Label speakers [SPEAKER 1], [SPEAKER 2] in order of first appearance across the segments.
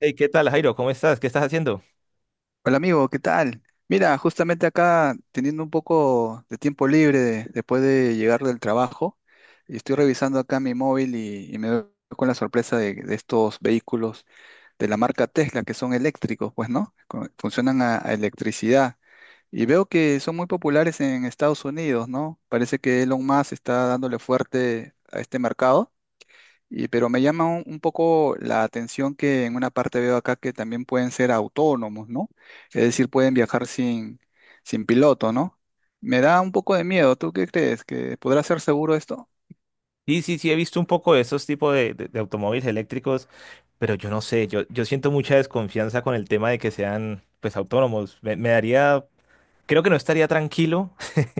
[SPEAKER 1] Hey, ¿qué tal, Jairo? ¿Cómo estás? ¿Qué estás haciendo?
[SPEAKER 2] Hola amigo, ¿qué tal? Mira, justamente acá teniendo un poco de tiempo libre después de llegar del trabajo, y estoy revisando acá mi móvil y me doy con la sorpresa de estos vehículos de la marca Tesla que son eléctricos, pues, ¿no? Funcionan a electricidad y veo que son muy populares en Estados Unidos, ¿no? Parece que Elon Musk está dándole fuerte a este mercado y, pero me llama un poco la atención que en una parte veo acá que también pueden ser autónomos, ¿no? Es decir, pueden viajar sin piloto, ¿no? Me da un poco de miedo. ¿Tú qué crees? ¿Que podrá ser seguro esto?
[SPEAKER 1] Sí, sí, sí, he visto un poco de esos tipos de automóviles eléctricos, pero yo no sé, yo siento mucha desconfianza con el tema de que sean, pues, autónomos. Me daría, creo que no estaría tranquilo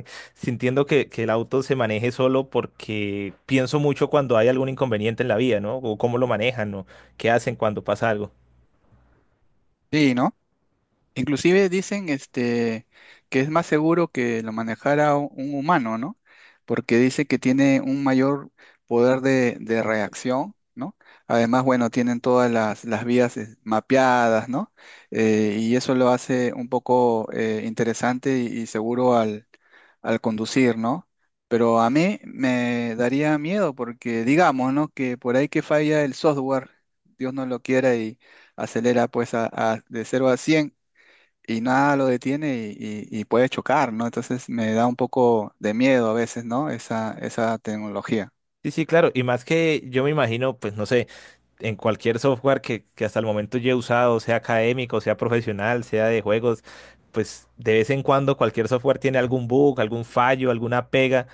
[SPEAKER 1] sintiendo que el auto se maneje solo porque pienso mucho cuando hay algún inconveniente en la vía, ¿no? O cómo lo manejan, ¿no? ¿Qué hacen cuando pasa algo?
[SPEAKER 2] Sí, ¿no? Inclusive dicen que es más seguro que lo manejara un humano, ¿no? Porque dice que tiene un mayor poder de reacción, ¿no? Además, bueno, tienen todas las vías mapeadas, ¿no? Y eso lo hace un poco interesante y seguro al conducir, ¿no? Pero a mí me daría miedo porque digamos, ¿no? Que por ahí que falla el software, Dios no lo quiera y acelera pues de 0 a 100 y nada lo detiene y puede chocar, ¿no? Entonces me da un poco de miedo a veces, ¿no? Esa tecnología.
[SPEAKER 1] Sí, sí, claro. Y más que yo me imagino, pues no sé, en cualquier software que hasta el momento yo he usado, sea académico, sea profesional, sea de juegos, pues de vez en cuando cualquier software tiene algún bug, algún fallo, alguna pega.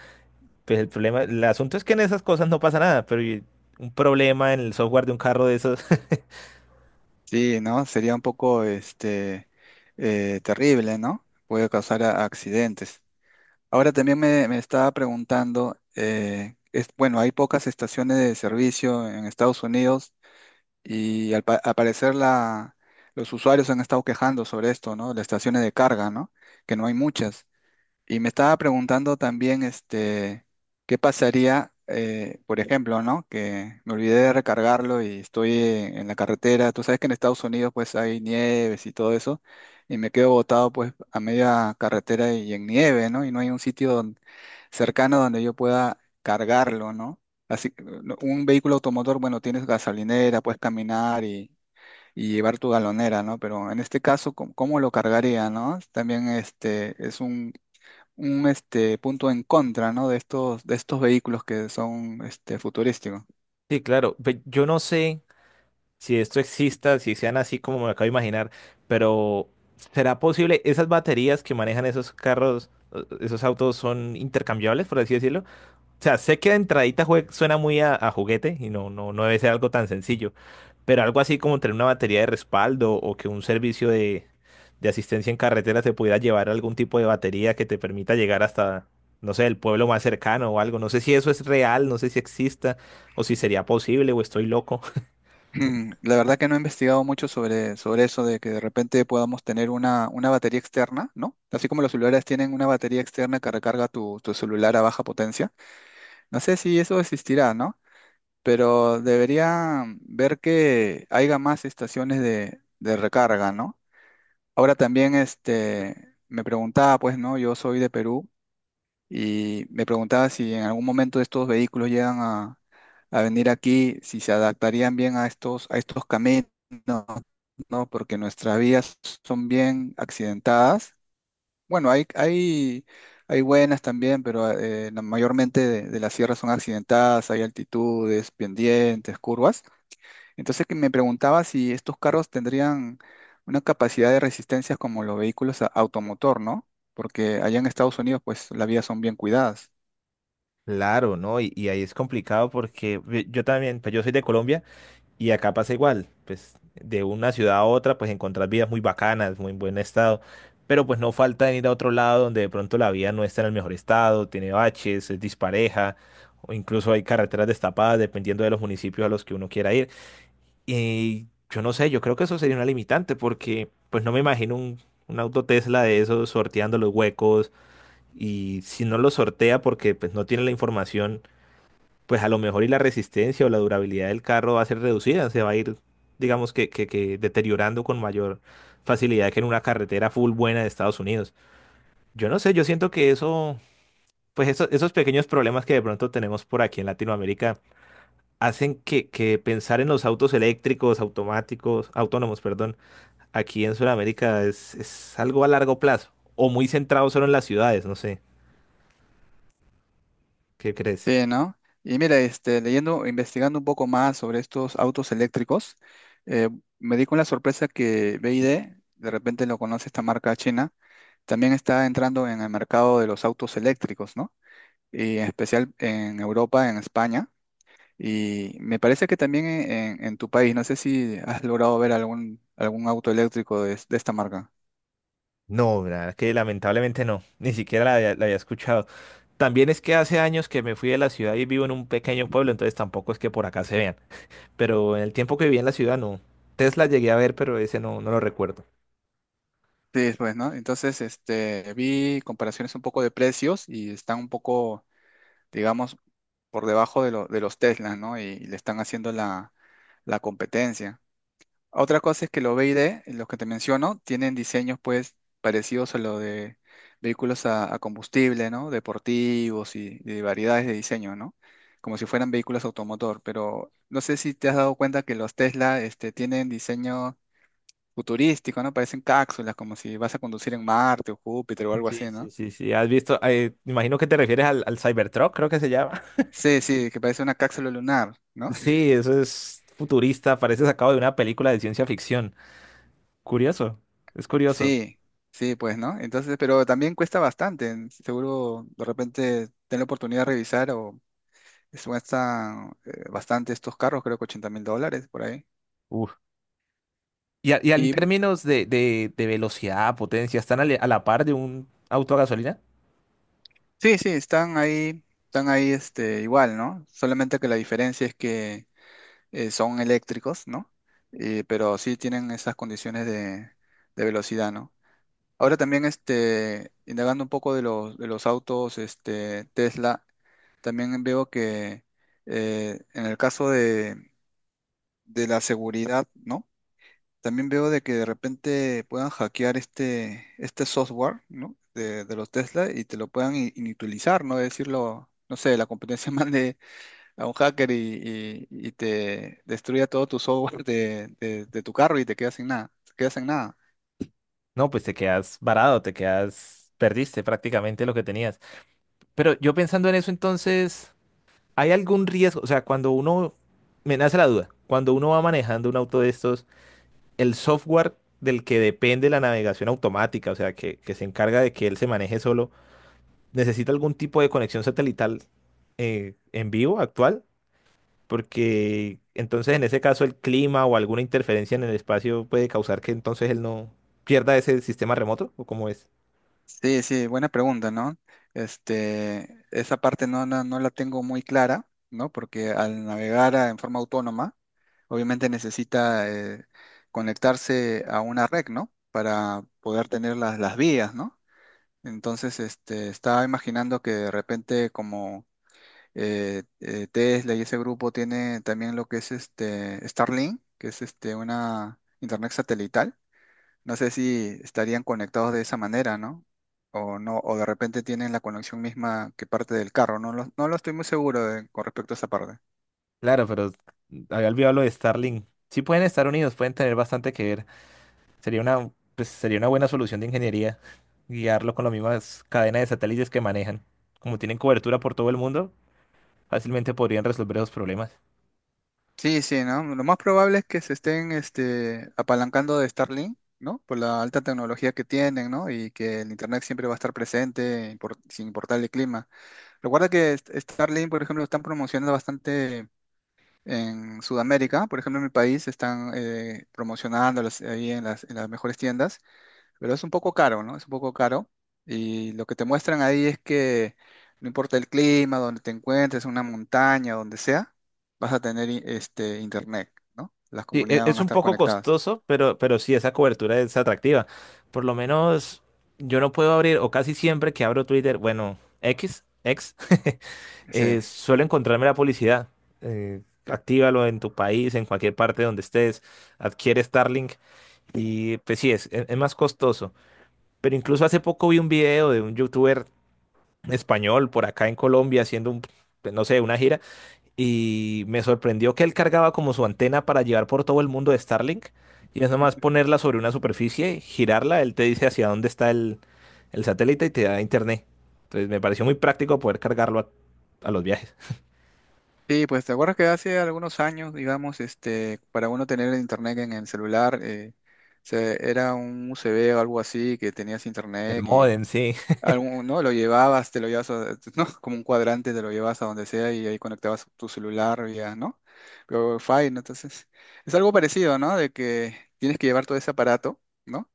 [SPEAKER 1] Pues el problema, el asunto es que en esas cosas no pasa nada, pero y un problema en el software de un carro de esos.
[SPEAKER 2] Sí, ¿no? Sería un poco terrible, ¿no? Puede causar accidentes. Ahora también me estaba preguntando, es, bueno, hay pocas estaciones de servicio en Estados Unidos y al parecer los usuarios han estado quejando sobre esto, ¿no? Las estaciones de carga, ¿no? Que no hay muchas. Y me estaba preguntando también, qué pasaría, por ejemplo, ¿no? Que me olvidé de recargarlo y estoy en la carretera. Tú sabes que en Estados Unidos pues hay nieves y todo eso, y me quedo botado pues a media carretera y en nieve, ¿no? Y no hay un sitio cercano donde yo pueda cargarlo, ¿no? Así, que, no, un vehículo automotor, bueno, tienes gasolinera, puedes caminar y llevar tu galonera, ¿no? Pero en este caso, ¿cómo lo cargaría, ¿no? También este es un punto en contra, ¿no? De estos vehículos que son futurísticos.
[SPEAKER 1] Sí, claro. Yo no sé si esto exista, si sean así como me acabo de imaginar, pero ¿será posible? ¿Esas baterías que manejan esos carros, esos autos son intercambiables, por así decirlo? O sea, sé que de entradita suena muy a juguete y no, no, no debe ser algo tan sencillo, pero algo así como tener una batería de respaldo o que un servicio de asistencia en carretera te pudiera llevar algún tipo de batería que te permita llegar hasta, no sé, el pueblo más cercano o algo. No sé si eso es real, no sé si exista o si sería posible o estoy loco.
[SPEAKER 2] La verdad que no he investigado mucho sobre eso de que de repente podamos tener una batería externa, ¿no? Así como los celulares tienen una batería externa que recarga tu celular a baja potencia. No sé si eso existirá, ¿no? Pero debería ver que haya más estaciones de recarga, ¿no? Ahora también me preguntaba, pues, ¿no? Yo soy de Perú y me preguntaba si en algún momento estos vehículos llegan a venir aquí, si se adaptarían bien a a estos caminos, ¿no? Porque nuestras vías son bien accidentadas. Bueno, hay buenas también, pero mayormente de las sierras son accidentadas, hay altitudes, pendientes, curvas. Entonces que me preguntaba si estos carros tendrían una capacidad de resistencia como los vehículos automotor, ¿no? Porque allá en Estados Unidos, pues las vías son bien cuidadas.
[SPEAKER 1] Claro, ¿no? Y ahí es complicado porque yo también, pues yo soy de Colombia. Y acá pasa igual, pues de una ciudad a otra, pues encontrar vidas muy bacanas, muy en buen estado, pero pues no falta en ir a otro lado donde de pronto la vía no está en el mejor estado, tiene baches, es dispareja, o incluso hay carreteras destapadas dependiendo de los municipios a los que uno quiera ir. Y yo no sé, yo creo que eso sería una limitante porque pues no me imagino un auto Tesla de esos sorteando los huecos y si no lo sortea porque pues no tiene la información pues a lo mejor y la resistencia o la durabilidad del carro va a ser reducida, se va a ir, digamos que deteriorando con mayor facilidad que en una carretera full buena de Estados Unidos. Yo no sé, yo siento que eso, pues esos pequeños problemas que de pronto tenemos por aquí en Latinoamérica hacen que pensar en los autos eléctricos, automáticos, autónomos, perdón, aquí en Sudamérica es algo a largo plazo o muy centrado solo en las ciudades, no sé, ¿qué crees?
[SPEAKER 2] Sí, ¿no? Y mira, leyendo, investigando un poco más sobre estos autos eléctricos, eh, me di con la sorpresa que BYD, de repente lo conoce esta marca china, también está entrando en el mercado de los autos eléctricos, ¿no? Y en especial en Europa, en España. Y me parece que también en tu país, no sé si has logrado ver algún auto eléctrico de esta marca.
[SPEAKER 1] No, la verdad que lamentablemente no, ni siquiera la había escuchado. También es que hace años que me fui de la ciudad y vivo en un pequeño pueblo, entonces tampoco es que por acá se vean. Pero en el tiempo que viví en la ciudad, no. Tesla llegué a ver, pero ese no, no lo recuerdo.
[SPEAKER 2] Sí, pues, ¿no? Entonces, vi comparaciones un poco de precios y están un poco, digamos, por debajo de los Teslas, ¿no? Y le están haciendo la competencia. Otra cosa es que los B y D, los que te menciono, tienen diseños pues parecidos a los de vehículos a combustible, ¿no? Deportivos y de variedades de diseño, ¿no? Como si fueran vehículos automotor, pero no sé si te has dado cuenta que los Tesla tienen diseño futurístico, ¿no? Parecen cápsulas, como si vas a conducir en Marte o Júpiter o algo
[SPEAKER 1] Sí,
[SPEAKER 2] así,
[SPEAKER 1] sí,
[SPEAKER 2] ¿no?
[SPEAKER 1] sí, sí. ¿Has visto? Imagino que te refieres al Cybertruck, creo que se llama.
[SPEAKER 2] Sí, sí, que parece una cápsula lunar, ¿no?
[SPEAKER 1] Sí, eso es futurista, parece sacado de una película de ciencia ficción. Curioso, es curioso.
[SPEAKER 2] Sí, sí, pues, ¿no? Entonces, pero también cuesta bastante. Seguro de repente ten la oportunidad de revisar o cuestan bastante estos carros, creo que $80,000 por ahí.
[SPEAKER 1] Uf. Y, y en
[SPEAKER 2] Y
[SPEAKER 1] términos de velocidad, potencia, ¿están a la par de un auto a gasolina?
[SPEAKER 2] sí, sí, están ahí igual, ¿no? Solamente que la diferencia es que son eléctricos, ¿no? Pero sí tienen esas condiciones de velocidad, ¿no? Ahora también, indagando un poco de de los autos, Tesla. También veo que en el caso de la seguridad, ¿no? También veo de que de repente puedan hackear este software, ¿no? De los Tesla y te lo puedan inutilizar, ¿no? Decirlo, no sé, la competencia mande a un hacker y te destruya todo tu software de tu carro y te quedas sin nada, te quedas sin nada.
[SPEAKER 1] No, pues te quedas varado, te quedas, perdiste prácticamente lo que tenías. Pero yo pensando en eso, entonces, ¿hay algún riesgo? O sea, cuando uno, me nace la duda, cuando uno va manejando un auto de estos, el software del que depende la navegación automática, o sea, que se encarga de que él se maneje solo, ¿necesita algún tipo de conexión satelital en vivo actual? Porque entonces en ese caso el clima o alguna interferencia en el espacio puede causar que entonces él no pierda ese sistema remoto, ¿o cómo es?
[SPEAKER 2] Sí, sí, buena pregunta, ¿no? Este, esa parte no la tengo muy clara, ¿no? Porque al navegar en forma autónoma, obviamente necesita conectarse a una red, ¿no? Para poder tener las vías, ¿no? Entonces, estaba imaginando que de repente como Tesla y ese grupo tiene también lo que es este Starlink, que es este una internet satelital. No sé si estarían conectados de esa manera, ¿no? O no, o de repente tienen la conexión misma que parte del carro, no no lo estoy muy seguro con respecto a esa parte.
[SPEAKER 1] Claro, pero había olvidado lo de Starlink. Sí pueden estar unidos, pueden tener bastante que ver. Sería una, pues, sería una buena solución de ingeniería guiarlo con las mismas cadenas de satélites que manejan. Como tienen cobertura por todo el mundo, fácilmente podrían resolver esos problemas.
[SPEAKER 2] Sí, sí, ¿no? Lo más probable es que se estén apalancando de Starlink, ¿no? Por la alta tecnología que tienen, ¿no? Y que el Internet siempre va a estar presente sin importar el clima. Recuerda que Starlink, por ejemplo, lo están promocionando bastante en Sudamérica. Por ejemplo, en mi país están promocionándolos ahí en en las mejores tiendas. Pero es un poco caro, ¿no? Es un poco caro. Y lo que te muestran ahí es que no importa el clima, donde te encuentres, una montaña, donde sea, vas a tener este internet, ¿no? Las
[SPEAKER 1] Sí,
[SPEAKER 2] comunidades van
[SPEAKER 1] es
[SPEAKER 2] a
[SPEAKER 1] un
[SPEAKER 2] estar
[SPEAKER 1] poco
[SPEAKER 2] conectadas.
[SPEAKER 1] costoso, pero sí, esa cobertura es atractiva. Por lo menos yo no puedo abrir, o casi siempre que abro Twitter, bueno, X.
[SPEAKER 2] Sí.
[SPEAKER 1] Suelo encontrarme la publicidad. Eh, actívalo en tu país, en cualquier parte donde estés, adquiere Starlink y pues sí, es es más costoso. Pero incluso hace poco vi un video de un youtuber español por acá en Colombia haciendo un, pues, no sé, una gira y me sorprendió que él cargaba como su antena para llevar por todo el mundo de Starlink y es nomás ponerla sobre una superficie, girarla, él te dice hacia dónde está el satélite y te da internet. Entonces me pareció muy práctico poder cargarlo a los viajes.
[SPEAKER 2] Sí, pues te acuerdas que hace algunos años, digamos, para uno tener internet en el celular, era un USB o algo así que tenías
[SPEAKER 1] El
[SPEAKER 2] internet y
[SPEAKER 1] módem, sí.
[SPEAKER 2] algún, ¿no? Lo llevabas, te lo llevas ¿no? Como un cuadrante, te lo llevas a donde sea y ahí conectabas tu celular vía, ¿no? Vía Wi-Fi, ¿no? Entonces, es algo parecido, ¿no? De que tienes que llevar todo ese aparato, ¿no?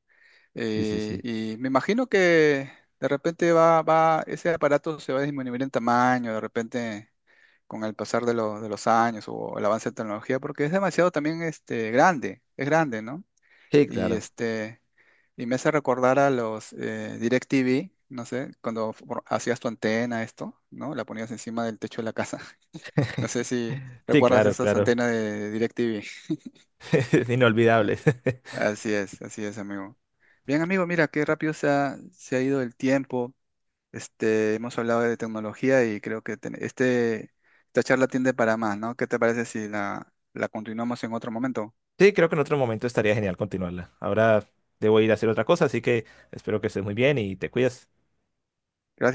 [SPEAKER 1] Sí, sí, sí.
[SPEAKER 2] Y me imagino que de repente ese aparato se va a disminuir en tamaño, de repente con el pasar de los años o el avance de tecnología, porque es demasiado también es grande, ¿no?
[SPEAKER 1] Sí,
[SPEAKER 2] Y
[SPEAKER 1] claro.
[SPEAKER 2] y me hace recordar a los DirecTV, no sé, cuando hacías tu antena, esto, ¿no? La ponías encima del techo de la casa. No sé si
[SPEAKER 1] Sí,
[SPEAKER 2] recuerdas
[SPEAKER 1] claro,
[SPEAKER 2] esas
[SPEAKER 1] claro.
[SPEAKER 2] antenas de DirecTV.
[SPEAKER 1] Es inolvidable.
[SPEAKER 2] Así es, amigo. Bien, amigo, mira qué rápido se ha ido el tiempo. Hemos hablado de tecnología y creo que esta charla tiende para más, ¿no? ¿Qué te parece si la continuamos en otro momento?
[SPEAKER 1] Sí, creo que en otro momento estaría genial continuarla. Ahora debo ir a hacer otra cosa, así que espero que estés muy bien y te cuidas.
[SPEAKER 2] Gracias.